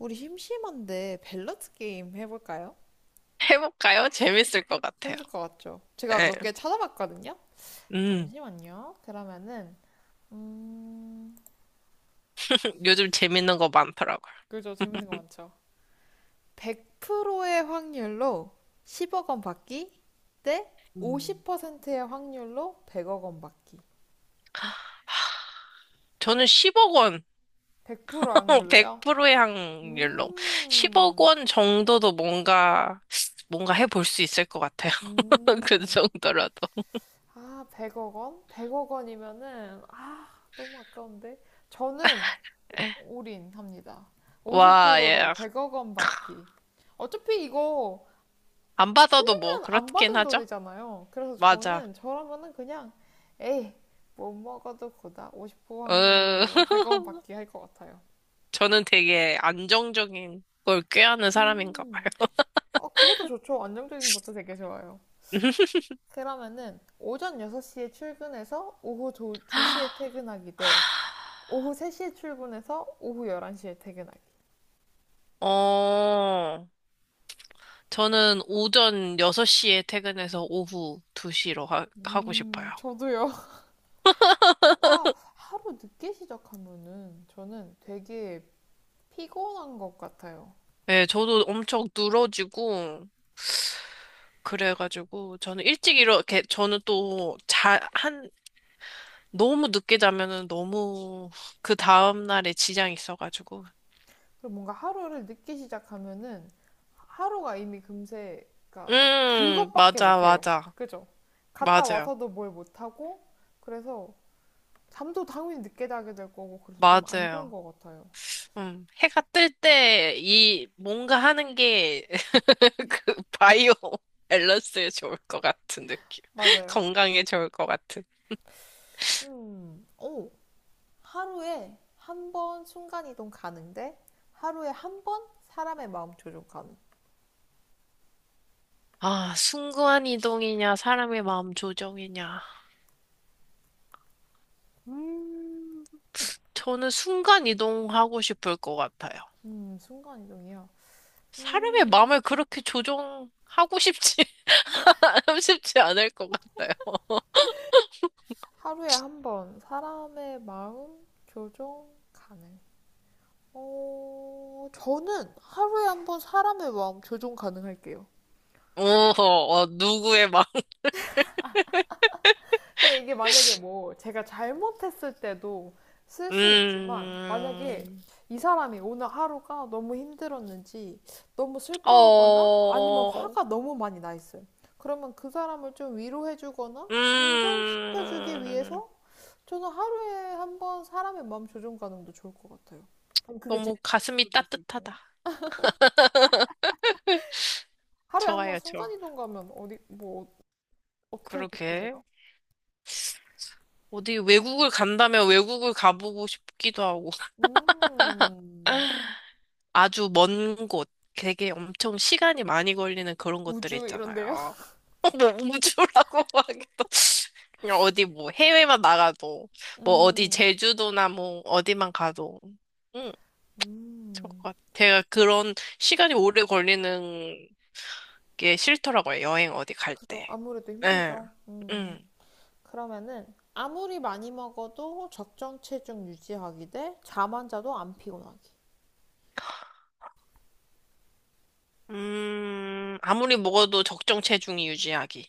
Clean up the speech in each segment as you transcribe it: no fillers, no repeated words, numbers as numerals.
우리 심심한데 밸런스 게임 해볼까요? 해볼까요? 재밌을 것 같아요. 재밌을 것 같죠? 제가 예. 몇 개 찾아봤거든요. 음, 잠시만요. 그러면은 음, 요즘 재밌는 거 많더라고요. 그죠? 재밌는 거 많죠. 100%의 확률로 10억 원 받기 대 음. 50%의 확률로 100억 원 받기. 저는 10억 원, 100% 확률로요? 100%의 확률로 10억 음. 원 정도도 뭔가 해볼 수 있을 것 같아요. 그 음. 정도라도. 아, 100억 원? 100억 원이면은 아, 너무 아까운데. 저는 예. 올인합니다. 와, 예. 50%로 100억 원 받기. 어차피 이거 안 받아도 뭐 그냥 안 그렇긴 받은 하죠. 돈이잖아요. 그래서 맞아. 저는 저라면은 그냥 에이 못 먹어도 고다 50% 어, 확률로 100억 원 받기 할 것 같아요. 저는 되게 안정적인 걸 꾀하는 사람인가 음, 봐요. 아 그것도 좋죠. 안정적인 것도 되게 좋아요. 그러면은 오전 6시에 출근해서 오후 2시에 퇴근하기 대 오후 3시에 출근해서 오후 11시에 퇴근하기. 어. 저는 오전 6시에 퇴근해서 오후 2시로 하고 싶어요. 저도요. 뭔가 하루 늦게 시작하면은 저는 되게 피곤한 것 같아요. 네, 저도 엄청 늘어지고, 그래가지고, 저는 일찍 이렇게, 저는 또 너무 늦게 자면은 너무 그 다음날에 지장이 있어가지고. 그리고 뭔가 하루를 늦게 시작하면은 하루가 이미 금세, 그러니까 그것밖에 맞아, 못해요. 맞아. 그죠? 갔다 맞아요. 와서도 뭘 못하고, 그래서 잠도 당연히 늦게 자게 될 거고, 그래서 좀 안 좋은 맞아요. 것 같아요. 해가 뜰 때, 이, 뭔가 하는 게, 그, 바이오 밸런스에 좋을 것 같은 느낌. 맞아요. 건강에 좋을 것 같은. 음, 오, 하루에 한 번 순간이동 가능데, 하루에 한 번 사람의 마음 조종 가능. 아, 순간 이동이냐, 사람의 마음 조정이냐. 음, 저는 순간 이동하고 싶을 것 같아요. 순간이동이요. 사람의 마음을 음, 그렇게 조정하고 싶지, 쉽지 않을 것 같아요. 하루에 한번 사람의 마음 교정 가능. 저는 하루에 한번 사람의 마음 교정 가능할게요. 오, 어, 누구의 마음. 근데 이게 만약에 뭐 제가 잘못했을 때도 쓸 수 있지만 만약에 음, 이 사람이 오늘 하루가 너무 힘들었는지 너무 슬퍼하거나 아니면 어, 화가 너무 많이 나 있어요. 그러면 그 사람을 좀 위로해주거나 진정시켜주기 음, 위해서 저는 하루에 한 번 사람의 마음 조종 가능도 좋을 것 같아요. 그럼 그게 제 너무 가슴이 자신도 될 수 있고요. 따뜻하다. 하루에 한 번 좋아요, 좋아. 순간이동 가면 어디, 뭐, 어떻게 하고 그러게. 싶으세요? 어디 외국을 간다면 외국을 가보고 싶기도 하고. 음, 아주 먼 곳, 되게 엄청 시간이 많이 걸리는 그런 곳들 우주 이런데요? 있잖아요. 뭐 우주라고 하기도 그냥 어디 뭐 해외만 나가도 뭐 어디 음. 제주도나 뭐 어디만 가도 응, 좋을 것 음. 같아요. 제가 그런 시간이 오래 걸리는 게 싫더라고요. 여행 어디 갈 그죠. 때. 아무래도 네. 힘들죠. 음. 그러면은 아무리 많이 먹어도 적정 체중 유지하기 대 잠안 자도 안 피곤하기. 아무리 먹어도 적정 체중이 유지하기.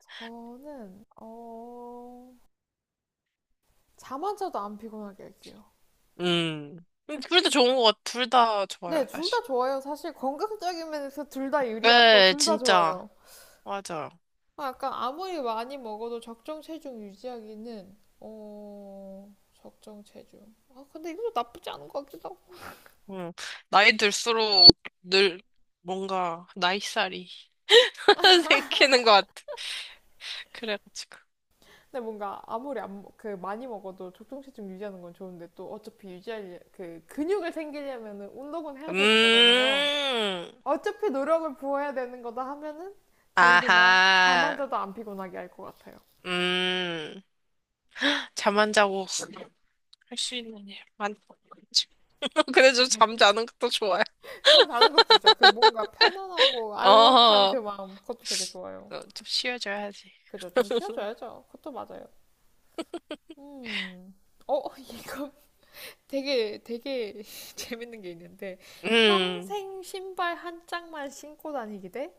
저는, 잠 안 자도 안 피곤하게 할게요. 음. 둘다 좋은 것 같아. 둘 다 좋아요, 네, 둘 다 사실. 좋아요. 사실 건강적인 면에서 둘 다 유리하고 네, 둘 다 진짜. 좋아요. 맞아. 아, 약간 아무리 많이 먹어도 적정 체중 유지하기는 적정 체중. 아, 근데 이것도 나쁘지 않은 것 같기도 하고. 응. 나이 들수록 늘 뭔가 나이살이 생기는 것 같아. 그래가지고. 근데 뭔가 아무리 안, 먹- 그 많이 먹어도 적정 체중 유지하는 건 좋은데 또 어차피 유지할 그 근육을 생기려면은 운동은 해야 되는 거잖아요. 음. 어차피 노력을 부어야 되는 거다 하면은 저는 그냥 잠만 아하. 자도 안 피곤하게 할 것 같아요. 음. 잠 안 자고 할 수 있는 일 많. 근데 좀 잠자는 것도 좋아요. 참 다른 것도 좋죠. 그 뭔가 편안하고 어. 안락한 그 마음, 그것도 되게 좋아요. 좀 쉬어줘야지. 그죠? 좀 쉬어줘야죠. 그것도 맞아요. 음, 이거 되게 되게 재밌는 게 있는데 음. 평생 신발 한 짝만 신고 다니기 대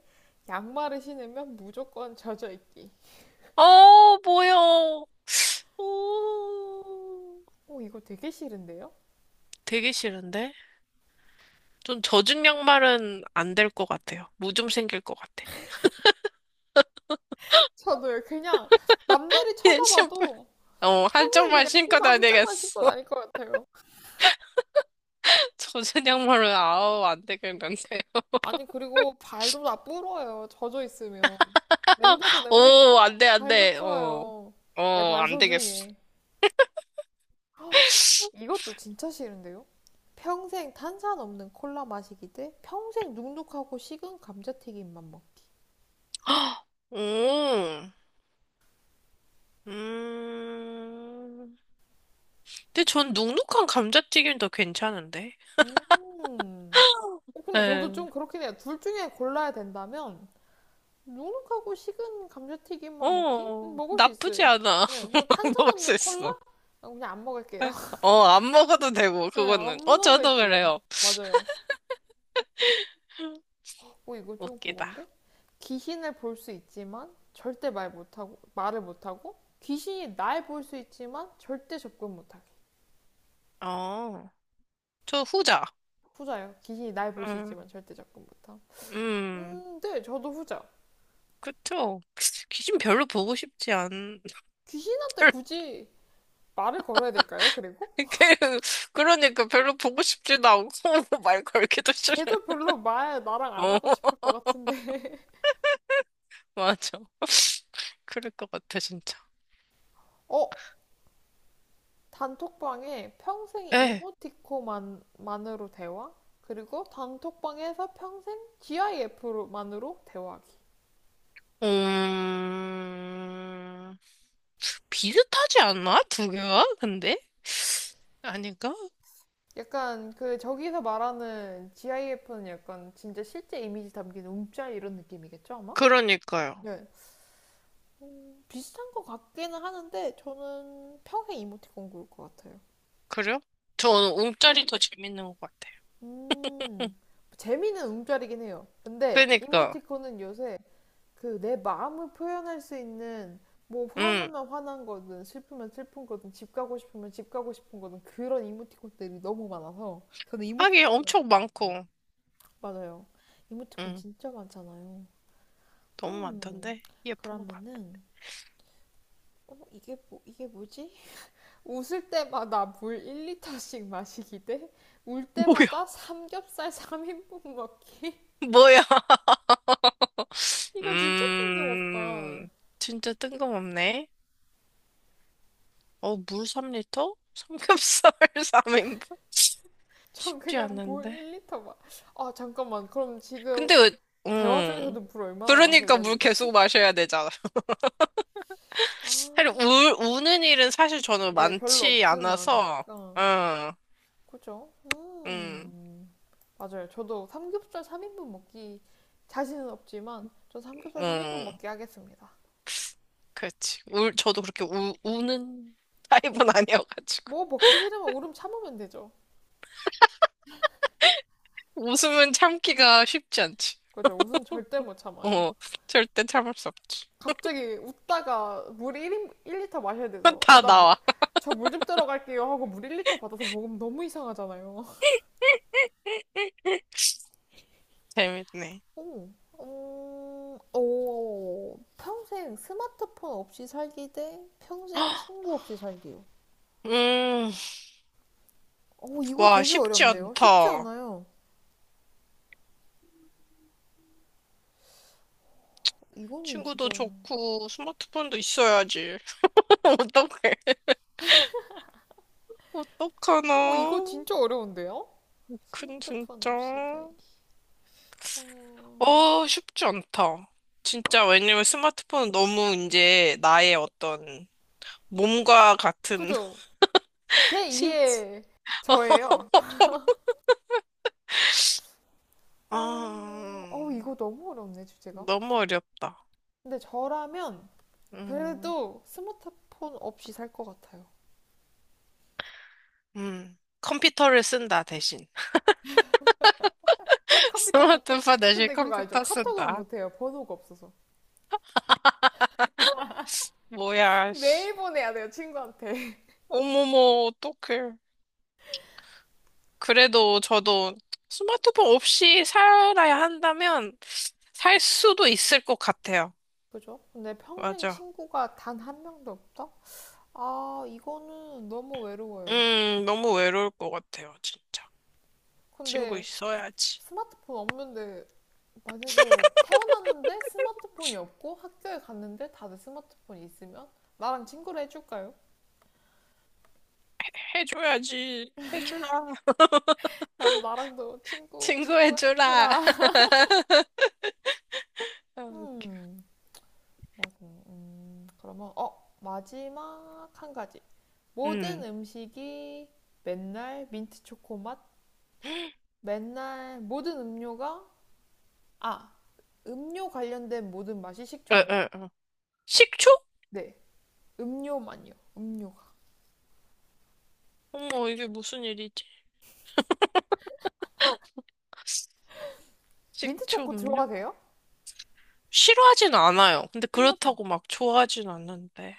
양말을 신으면 무조건 젖어 있기. 어, 뭐야. 오. 오, 이거 되게 싫은데요? 되게 싫은데? 좀 젖은 양말은 안 될 것 같아요. 무좀 생길 것 같아. 저도요. 그냥 남들이 예, 신발, 쳐다봐도 어, 평생 한쪽만 그냥 신고 신발 한 짝만 신고 다니겠어. 다닐 것 같아요. 젖은 양말은, 아우, 안 되겠는데. 아니, 그리고 발도 다 불어요. 젖어 있으면. 냄새도 오, 안 냄새고, 돼, 안 발도 돼. 어, 불어요. 내 발 안 되겠어. 소중해. 헉, 이것도 진짜 싫은데요? 평생 탄산 없는 콜라 마시기 대 평생 눅눅하고 식은 감자튀김만 먹기. 오, 음. 근데 전 눅눅한 감자튀김도 괜찮은데. 음. 근데 저도 네. 좀 그렇긴 해요. 둘 중에 골라야 된다면, 눅눅하고 식은 감자튀김만 먹기? 어, 먹을 수 있어요. 나쁘지 않아. 네, 그냥 탄산 먹을 수 없는 콜라? 있어. 아, 그냥 안 먹을게요. 어, 안 먹어도 되고, 네, 그거는. 안 어, 저도 먹을게요. 그래요. 맞아요. 이거 좀 웃기다. 그건데? 귀신을 볼 수 있지만 절대 말을 못하고, 귀신이 날 볼 수 있지만 절대 접근 못하게. 어, 저 후자. 후자요. 귀신이 날 볼 수 있지만 음, 절대 접근 못함. 음. 네, 저도 후자. 그쵸? 귀신 별로 보고 싶지 않, 귀신한테 굳이 말을 걸어야 될까요? 그리고? 별로- 그- 그러니까 별로 보고 싶지도 않고 말 걸기도 싫은. 걔도 별로 말 나랑 안 어, 하고 싶을 것 같은데. 맞아. 그럴 것 같아, 진짜. 어, 단톡방에 평생 에, 이모티콘만으로 대화? 그리고 단톡방에서 평생 GIF만으로 대화하기. 음, 비슷하지 않나? 두 개가? 근데? 아닌가? 약간 그 저기서 말하는 GIF는 약간 진짜 실제 이미지 담긴 움짤 이런 느낌이겠죠, 아마? 그러니까요. 네. 비슷한 것 같기는 하는데 저는 평생 이모티콘 고를 것 같아요. 그래요? 저는 움짤이 더 재밌는 것 같아요. 음, 재미는 움짤이긴 해요. 근데 그러니까, 이모티콘은 요새 그 내 마음을 표현할 수 있는 뭐 음, 화나면 화난 거든 슬프면 슬픈 거든 집 가고 싶으면 집 가고 싶은 거든 그런 이모티콘들이 너무 많아서 저는 하긴 이모티콘으로 할 엄청 것 같아요. 많고, 맞아요. 이모티콘 음, 진짜 많잖아요. 너무 음, 많던데? 예쁘고 많다. 그러면은, 이게 뭐지? 웃을 때마다 물 1리터씩 마시기 대, 울 뭐야? 때마다 삼겹살 3인분 먹기. 뭐야? 이거 진짜 뜬금없다. 음, 진짜 뜬금없네. 어, 물 3리터? 삼겹살 3인분? 전 쉽지 그냥 물 않은데. 1리터 아, 잠깐만. 그럼 지금 근데, 왜- 대화 음. 중에서도 물 얼마나 마셔야 그러니까 물 되는 거지? 계속 마셔야 되잖아. 아, 사실 우는 일은 사실 저는 네, 별로 많지 없으는 않아서, 않으니까. 응, 그죠? 응, 음. 맞아요. 저도 삼겹살 3인분 먹기 자신은 없지만 저 삼겹살 3인분 응. 먹기 하겠습니다. 그렇지. 저도 그렇게 우는 타입은 그죠? 아니어가지고. 뭐 먹기 싫으면 울음 참으면 되죠. 웃음은 참기가 쉽지 않지. 그죠? 웃음 절대 못 참아요. 어, 절대 참을 수 없지. 갑자기 웃다가 물 리터 마셔야 돼서 아, 다 나 나와. 저 물 좀 들어갈게요 하고 물 1리터 받아서 먹으면 너무 이상하잖아요. 재밌네. 오, 평생 스마트폰 없이 살기 대 평생 친구 없이 살기요. 음, 이거 와, 되게 쉽지 어렵네요. 쉽지 않다. 않아요. 이거는 친구도 진짜. 좋고, 스마트폰도 있어야지. 어떡해. 어떡하나. 오, 이거 진짜 어려운데요? 큰, 스마트폰 없이 진짜. 살기. 어, 어, 쉽지 않다. 아, 진짜, 왜냐면 스마트폰은 너무 이제 나의 어떤 몸과 같은 그죠? 신체. 제2의 저예요. 아, 어, 이거 너무 어렵네, 주제가. 너무 어렵다. 근데 저라면 음, 그래도 스마트폰 없이 살 것 같아요. 컴퓨터를 쓴다, 대신. 컴퓨터 카톡? 스마트폰 대신 근데 그거 알죠? 컴퓨터 카톡은 쓴다. 못해요. 번호가 없어서. 뭐야, 씨. 매일 보내야 돼요, 친구한테. 어머머, 어떡해. 그래도 저도 스마트폰 없이 살아야 한다면 살 수도 있을 것 같아요. 그죠? 근데 평생 맞아. 친구가 단 한 명도 없다? 아, 이거는 너무 외로워요. 너무 외로울 것 같아요, 진짜. 친구 근데 있어야지. 스마트폰 없는데, 만약에 태어났는데 스마트폰이 없고 학교에 갔는데 다들 스마트폰이 있으면 나랑 친구를 해줄까요? 해줘야지. 해주라. 맞아, 나랑도 친구, 친구 친구 해주라. 해주라. 음. 음, 맞아. 그러면, 마지막 한 가지. 모든 음. 음식이 맨날 민트 초코 맛, 맨날 아, 음료 관련된 모든 맛이 에, 식초 에, 맛. 에. 식초? 네. 음료만요. 음료가. 어머, 이게 무슨 일이지? 민트 식초 초코 음료? 좋아하세요? 싫어하진 않아요. 근데 싫어하진 그렇다고 막 좋아하진 않는데.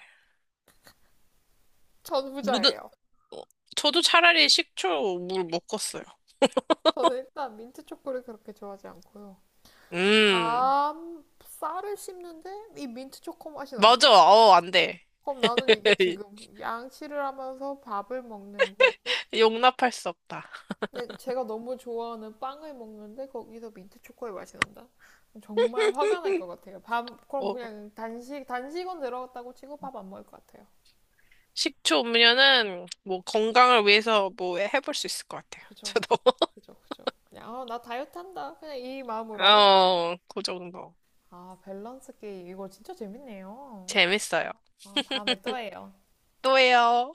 전 모든 부자예요. 어, 저도 차라리 식초 물 묶었어요. 저는 일단 민트 초코를 그렇게 좋아하지 않고요. 음, 밤 쌀을 씹는데 이 민트 초코 맛이 맞아. 난다? 어, 안 돼. 그럼 나는 이게 지금 양치를 하면서 밥을 먹는 건가? 용납할 수 없다. 근데 제가 너무 좋아하는 빵을 먹는데 거기서 민트 초코의 맛이 난다? 정말 화가 날 것 같아요. 그럼 어, 그냥 단식은 들어갔다고 치고 밥 안 먹을 것 같아요. 식초 음료는 뭐 건강을 위해서 뭐 해볼 수 있을 것 같아요. 그죠? 저도. 그죠, 그죠. 그냥, 나 다이어트 한다. 그냥 이 마음으로 하는 거죠. 어, 그 정도. 아, 밸런스 게임. 이거 진짜 재밌네요. 재밌어요. 아, 다음에 또 해요. 또 해요.